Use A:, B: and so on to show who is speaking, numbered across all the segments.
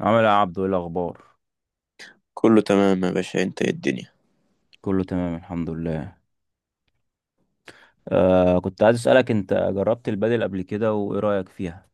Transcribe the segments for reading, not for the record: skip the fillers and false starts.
A: عامل ايه يا عبدو؟ ايه الاخبار؟
B: كله تمام يا باشا، انت ايه الدنيا؟
A: كله تمام الحمد لله. كنت عايز اسالك، انت جربت البادل قبل كده وايه رايك فيها؟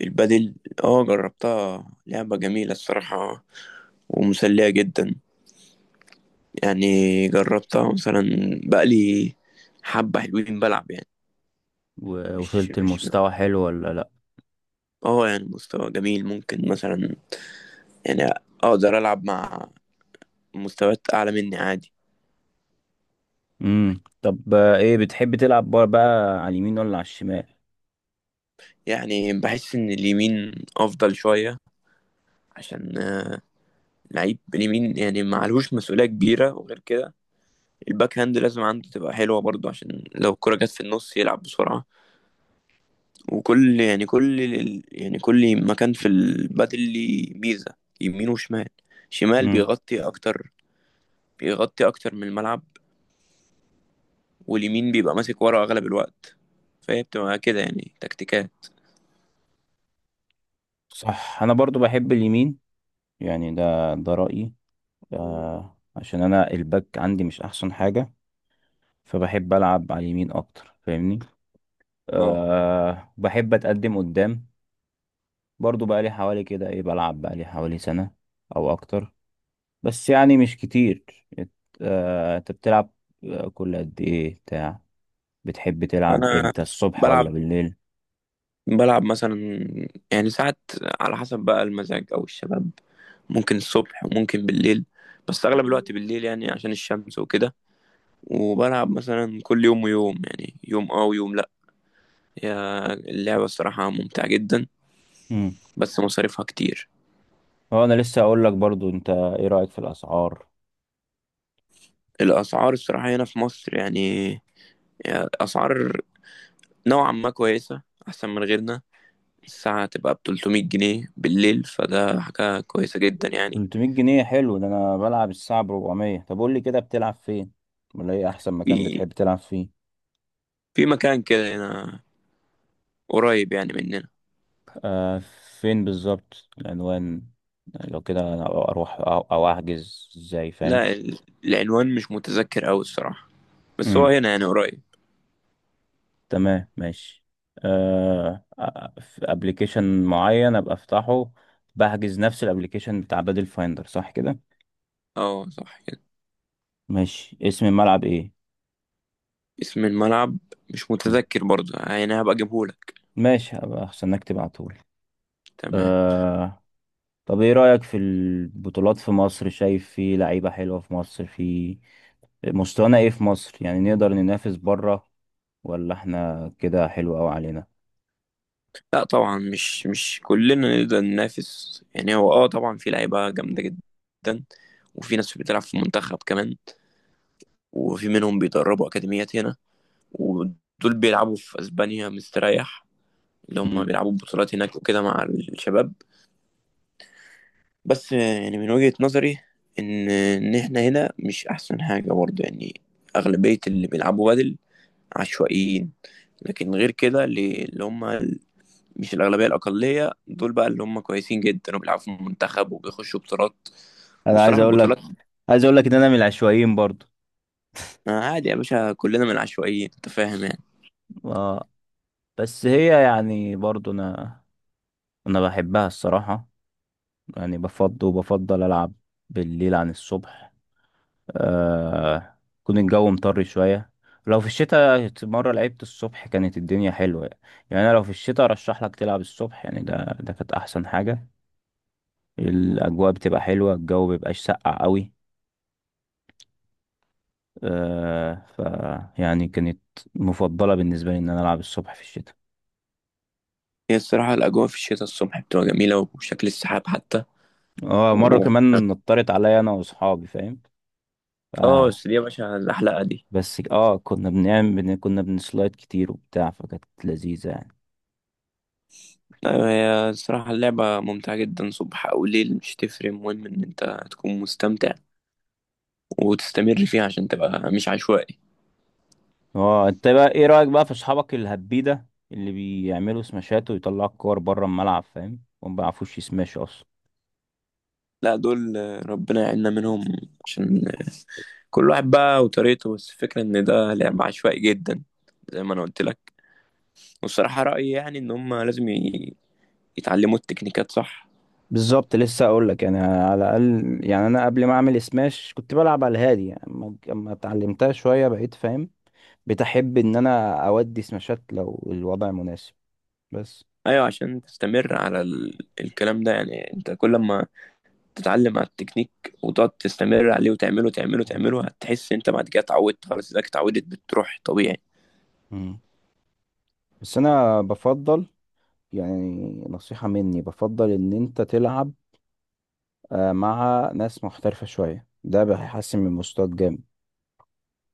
B: البادل؟ اه، جربتها. لعبة جميلة الصراحة ومسلية جدا. يعني جربتها مثلا بقالي حبة حلوين بلعب يعني. مش
A: ووصلت
B: مش
A: لمستوى حلو ولا لا؟
B: اه يعني مستوى جميل، ممكن مثلا يعني اقدر العب مع مستويات اعلى مني عادي.
A: امم. طب، ايه بتحب تلعب بار بقى، على اليمين ولا على الشمال؟
B: يعني بحس ان اليمين افضل شوية عشان لعيب اليمين يعني معلهوش مسؤولية كبيرة، وغير كده الباك هاند لازم عنده تبقى حلوة برضو، عشان لو الكرة جت في النص يلعب بسرعة. وكل يعني كل ال- يعني كل مكان في البادل ليه ميزة، يمين وشمال. شمال
A: امم.
B: بيغطي أكتر من الملعب، واليمين بيبقى ماسك ورا أغلب الوقت، فهي بتبقى كده يعني تكتيكات.
A: صح، انا برضو بحب اليمين، يعني ده رايي. عشان انا الباك عندي مش احسن حاجه، فبحب العب على اليمين اكتر، فاهمني؟
B: اه،
A: بحب اتقدم قدام. برضو بقى لي حوالي كده ايه، بلعب بقى لي حوالي سنه او اكتر، بس يعني مش كتير. إت- انت بتلعب كل قد ايه بتاع؟ بتحب تلعب
B: أنا
A: امتى، الصبح ولا
B: بلعب
A: بالليل؟
B: بلعب مثلا يعني ساعات، على حسب بقى المزاج أو الشباب، ممكن الصبح وممكن بالليل. بس أغلب الوقت بالليل يعني عشان الشمس وكده. وبلعب مثلا كل يوم ويوم، يعني يوم اه ويوم لأ. هي اللعبة الصراحة ممتعة جدا،
A: امم.
B: بس مصاريفها كتير.
A: هو انا لسه اقول لك برضو، انت ايه رأيك في الاسعار؟
B: الأسعار الصراحة هنا في مصر يعني أسعار نوعا ما كويسة، أحسن من غيرنا. الساعة تبقى ب300 جنيه بالليل، فده حاجة كويسة جدا يعني.
A: 300 جنيه حلو، ده انا بلعب الساعة ب 400. طب قول لي كده، بتلعب فين؟ ولا ايه احسن مكان
B: في
A: بتحب تلعب فيه؟
B: في مكان كده هنا قريب يعني مننا.
A: آه فين بالظبط العنوان؟ لو كده أنا اروح أو احجز ازاي، فاهم؟
B: لا، العنوان مش متذكر أوي الصراحة، بس هو هنا يعني قريب.
A: تمام ماشي. آه في ابلكيشن معين ابقى افتحه، بحجز نفس الابلكيشن بتاع بادل فايندر، صح كده؟
B: اه، صح كده.
A: ماشي، اسم الملعب ايه؟
B: اسم الملعب مش
A: مم.
B: متذكر برضه، يعني هبقى اجيبهولك.
A: ماشي، هبقى استناك تبعتهولي.
B: تمام.
A: آه طب ايه رأيك في البطولات في مصر؟ شايف في لعيبة حلوة في مصر، في مستوانا ايه في مصر؟ يعني نقدر ننافس بره ولا احنا كده حلو قوي علينا؟
B: لا طبعا، مش كلنا نقدر ننافس. يعني هو طبعا في لعيبة جامدة جدا، وفي ناس بتلعب في المنتخب كمان، وفي منهم بيدربوا أكاديميات هنا. ودول بيلعبوا في أسبانيا مستريح، اللي هم
A: مم.
B: بيلعبوا بطولات هناك وكده مع الشباب. بس يعني من وجهة نظري إن إحنا هنا مش أحسن حاجة برضه يعني. أغلبية اللي بيلعبوا بدل عشوائيين. لكن غير كده اللي هم مش الأغلبية، الأقلية دول بقى، اللي هم كويسين جدا وبيلعبوا في المنتخب وبيخشوا بطولات.
A: انا عايز
B: والصراحة
A: اقول لك
B: البطولات
A: عايز اقول لك ان انا من العشوائيين برضو.
B: آه، عادي يا باشا، كلنا من العشوائيين، أنت فاهم يعني.
A: آه، بس هي يعني برضو انا بحبها الصراحة. يعني بفضل العب بالليل عن الصبح. يكون الجو مطر شوية، لو في الشتاء. مرة لعبت الصبح كانت الدنيا حلوة يعني. يعني انا لو في الشتاء ارشح لك تلعب الصبح، يعني ده كانت احسن حاجة. الاجواء بتبقى حلوة، الجو مبيبقاش ساقع قوي. آه ف يعني كانت مفضلة بالنسبة لي ان انا العب الصبح في الشتاء.
B: هي الصراحة الأجواء في الشتاء الصبح بتبقى جميلة، وشكل السحاب حتى
A: اه مرة
B: و.
A: كمان نطرت عليا انا واصحابي،
B: اه
A: فاهم؟
B: بس دي يا باشا الأحلقة دي.
A: بس كنا بنسلايد كتير وبتاع، فكانت لذيذة يعني.
B: أيوة، هي الصراحة اللعبة ممتعة جدا صبح أو ليل، مش تفرق. المهم إن أنت تكون مستمتع وتستمر فيها عشان تبقى مش عشوائي.
A: اه انت بقى ايه رأيك بقى في اصحابك الهبيدة، اللي بيعملوا سماشات ويطلعوا الكور بره الملعب، فاهم؟ وما بيعرفوش يسماش اصلا.
B: لا دول، ربنا يعيننا منهم. عشان كل واحد بقى وطريقته، بس الفكرة ان ده لعب عشوائي جدا، زي ما انا قلت لك. والصراحة رأيي يعني ان هم لازم يتعلموا التكنيكات، صح.
A: بالظبط، لسه اقول لك يعني، على الاقل يعني، انا قبل ما اعمل سماش كنت بلعب على الهادي، يعني اما اتعلمتها شويه بقيت فاهم. بتحب ان انا اودي سماشات لو الوضع مناسب؟ بس
B: ايوه، عشان تستمر على الكلام ده. يعني انت كل ما تتعلم على التكنيك، وتقعد تستمر عليه وتعمله تعمله
A: مم.
B: تعمله، هتحس انت بعد كده اتعودت. خلاص، اذا اتعودت بتروح طبيعي.
A: مم. بس انا بفضل، يعني نصيحه مني، بفضل ان انت تلعب مع ناس محترفة شوية، ده هيحسن من مستواك جامد.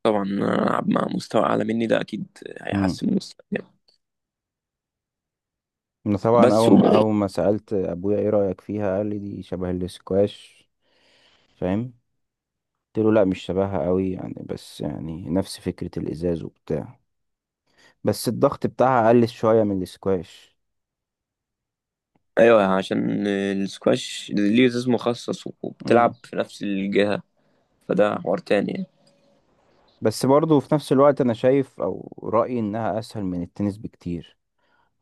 B: طبعا، العب مع مستوى اعلى مني ده اكيد
A: مم.
B: هيحسن من مستواي.
A: انا طبعا
B: بس
A: اول
B: و.
A: اول ما سألت ابويا ايه رأيك فيها، قال لي دي شبه الاسكواش، فاهم؟ قلت له لا، مش شبهها قوي يعني، بس يعني نفس فكرة الازاز وبتاع، بس الضغط بتاعها اقل شوية من الاسكواش.
B: ايوه، عشان السكواش ليه زي مخصص
A: مم.
B: وبتلعب في نفس الجهة، فده حوار تاني يعني.
A: بس برضه في نفس الوقت انا شايف او رأيي انها اسهل من التنس بكتير،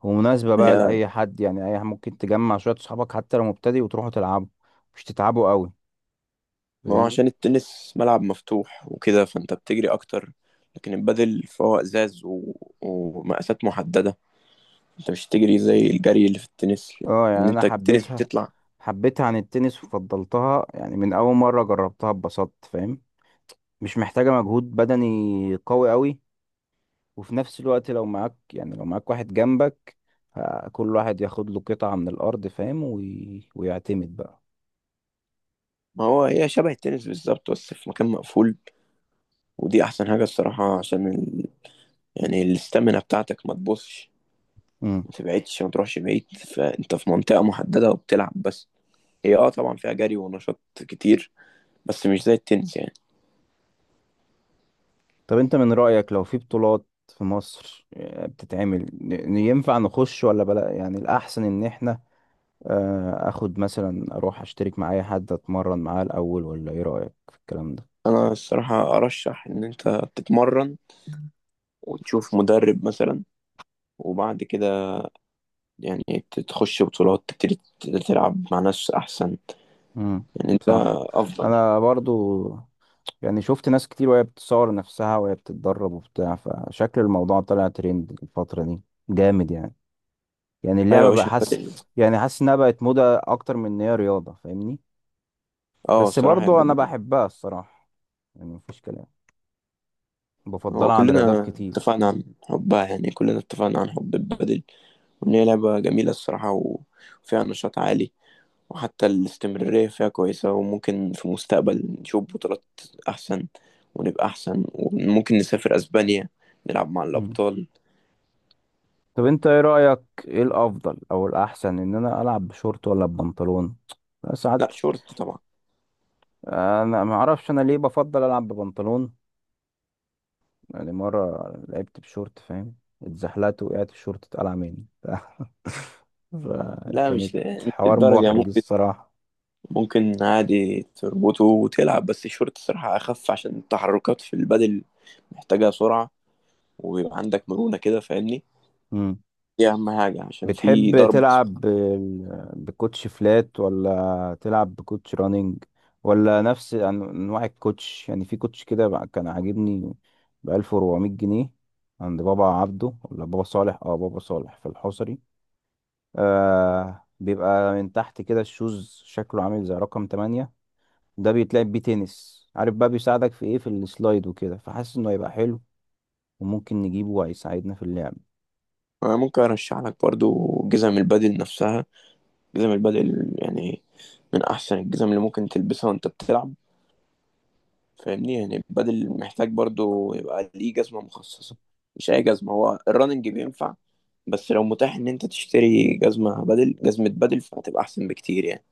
A: ومناسبة بقى
B: هي،
A: لأي حد يعني. أي ممكن تجمع شوية صحابك حتى لو مبتدئ وتروحوا تلعبوا، مش تتعبوا قوي،
B: ما هو
A: فاهمني؟
B: عشان التنس ملعب مفتوح وكده فانت بتجري اكتر. لكن البادل فهو ازاز و... ومقاسات محدده. انت مش تجري زي الجري اللي في التنس.
A: اه
B: ان
A: يعني انا
B: انت التنس
A: حبيتها
B: بتطلع.
A: حبيتها عن التنس وفضلتها يعني. من اول مرة جربتها اتبسطت، فاهم؟ مش محتاجة مجهود بدني قوي قوي، وفي نفس الوقت لو معاك واحد جنبك، كل واحد ياخد له قطعة من الارض، فاهم؟ ويعتمد بقى.
B: ما هو هي شبه التنس بالظبط، بس في مكان مقفول. ودي احسن حاجه الصراحه، عشان ال... يعني الاستامينا بتاعتك ما تبصش،
A: مم.
B: ما تبعدش، ما تروحش بعيد، فانت في منطقه محدده وبتلعب بس. هي طبعا فيها جري ونشاط كتير، بس مش زي التنس يعني.
A: طب انت من رأيك، لو في بطولات في مصر بتتعمل، ينفع نخش ولا بلا؟ يعني الأحسن إن إحنا أخد مثلا، أروح أشترك مع أي حد أتمرن معاه الأول، ولا إيه رأيك في الكلام ده؟
B: انا الصراحة ارشح ان انت تتمرن، وتشوف مدرب مثلا، وبعد كده يعني تخش بطولات، تبتدي تلعب مع ناس احسن.
A: امم.
B: يعني انت
A: صح،
B: افضل.
A: انا برضو. يعني شفت ناس كتير وهي بتصور نفسها وهي بتتدرب وبتاع، فشكل الموضوع طلع ترند الفترة دي جامد يعني. يعني
B: ايوه يا
A: اللعبة بقى،
B: باشا، هيبقى
A: حاسس
B: دنيا.
A: يعني حاسس انها بقت موضة اكتر من ان هي رياضة، فاهمني؟
B: اه
A: بس
B: الصراحة
A: برضو
B: هيبقى
A: انا
B: دنيا.
A: بحبها الصراحة، يعني مفيش كلام.
B: هو
A: بفضلها عن رياضات
B: كلنا
A: كتير.
B: اتفقنا عن حبها يعني، كلنا اتفقنا عن حب البادل، وان هي لعبة جميلة الصراحة و- وفيها نشاط عالي. وحتى الاستمرارية فيها كويسة، وممكن في المستقبل نشوف بطولات احسن، ونبقى احسن، وممكن نسافر اسبانيا نلعب مع
A: مم.
B: الابطال.
A: طب انت ايه رأيك، ايه الافضل او الاحسن، ان انا العب بشورت ولا ببنطلون
B: لا،
A: ساعات؟
B: شورت طبعا.
A: انا ما اعرفش انا ليه بفضل العب ببنطلون، يعني مرة لعبت بشورت، فاهم؟ اتزحلقت، وقعت الشورت اتقلع مني
B: لا مش
A: فكانت
B: مش
A: حوار
B: الدرجة،
A: محرج
B: ممكن.
A: الصراحة.
B: ممكن عادي تربطه وتلعب، بس الشورت الصراحة أخف عشان التحركات في البدل محتاجة سرعة. ويبقى عندك مرونة كده، فاهمني.
A: مم.
B: دي أهم حاجة عشان في
A: بتحب
B: ضرب أصلا.
A: تلعب بكوتش فلات ولا تلعب بكوتش رانينج؟ ولا نفس انواع الكوتش؟ يعني في كوتش كان عاجبني ب 1400 جنيه عند بابا عبده ولا بابا صالح. اه، بابا صالح في الحصري. بيبقى من تحت كده، الشوز شكله عامل زي رقم 8. ده بيتلعب بيه تنس، عارف بقى؟ بيساعدك في ايه؟ في السلايد وكده، فحاسس انه هيبقى حلو وممكن نجيبه وهيساعدنا في اللعب.
B: أنا ممكن أرشح لك برضو جزم البدل نفسها. جزم البدل يعني من أحسن الجزم اللي ممكن تلبسها وأنت بتلعب. فاهمني؟ يعني بدل محتاج برضو يبقى ليه جزمة مخصصة، مش أي جزمة. هو الرننج بينفع، بس لو متاح إن أنت تشتري جزمة بدل، جزمة بدل فهتبقى أحسن بكتير يعني.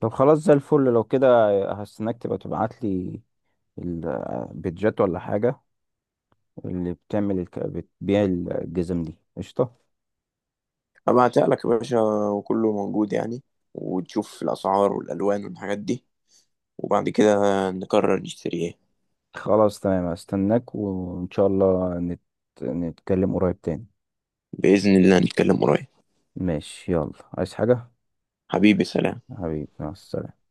A: طب خلاص، زي الفل لو كده. هستناك تبقى تبعت لي البيتجات ولا حاجة، اللي بتبيع الجزم دي، قشطة.
B: هبعتها لك يا باشا، وكله موجود يعني. وتشوف الأسعار والألوان والحاجات دي، وبعد كده نقرر نشتري إيه.
A: خلاص تمام، هستناك، وان شاء الله نتكلم قريب تاني.
B: بإذن الله، نتكلم قريب.
A: ماشي يلا، عايز حاجة؟
B: حبيبي، سلام.
A: حبيبي مع السلامة.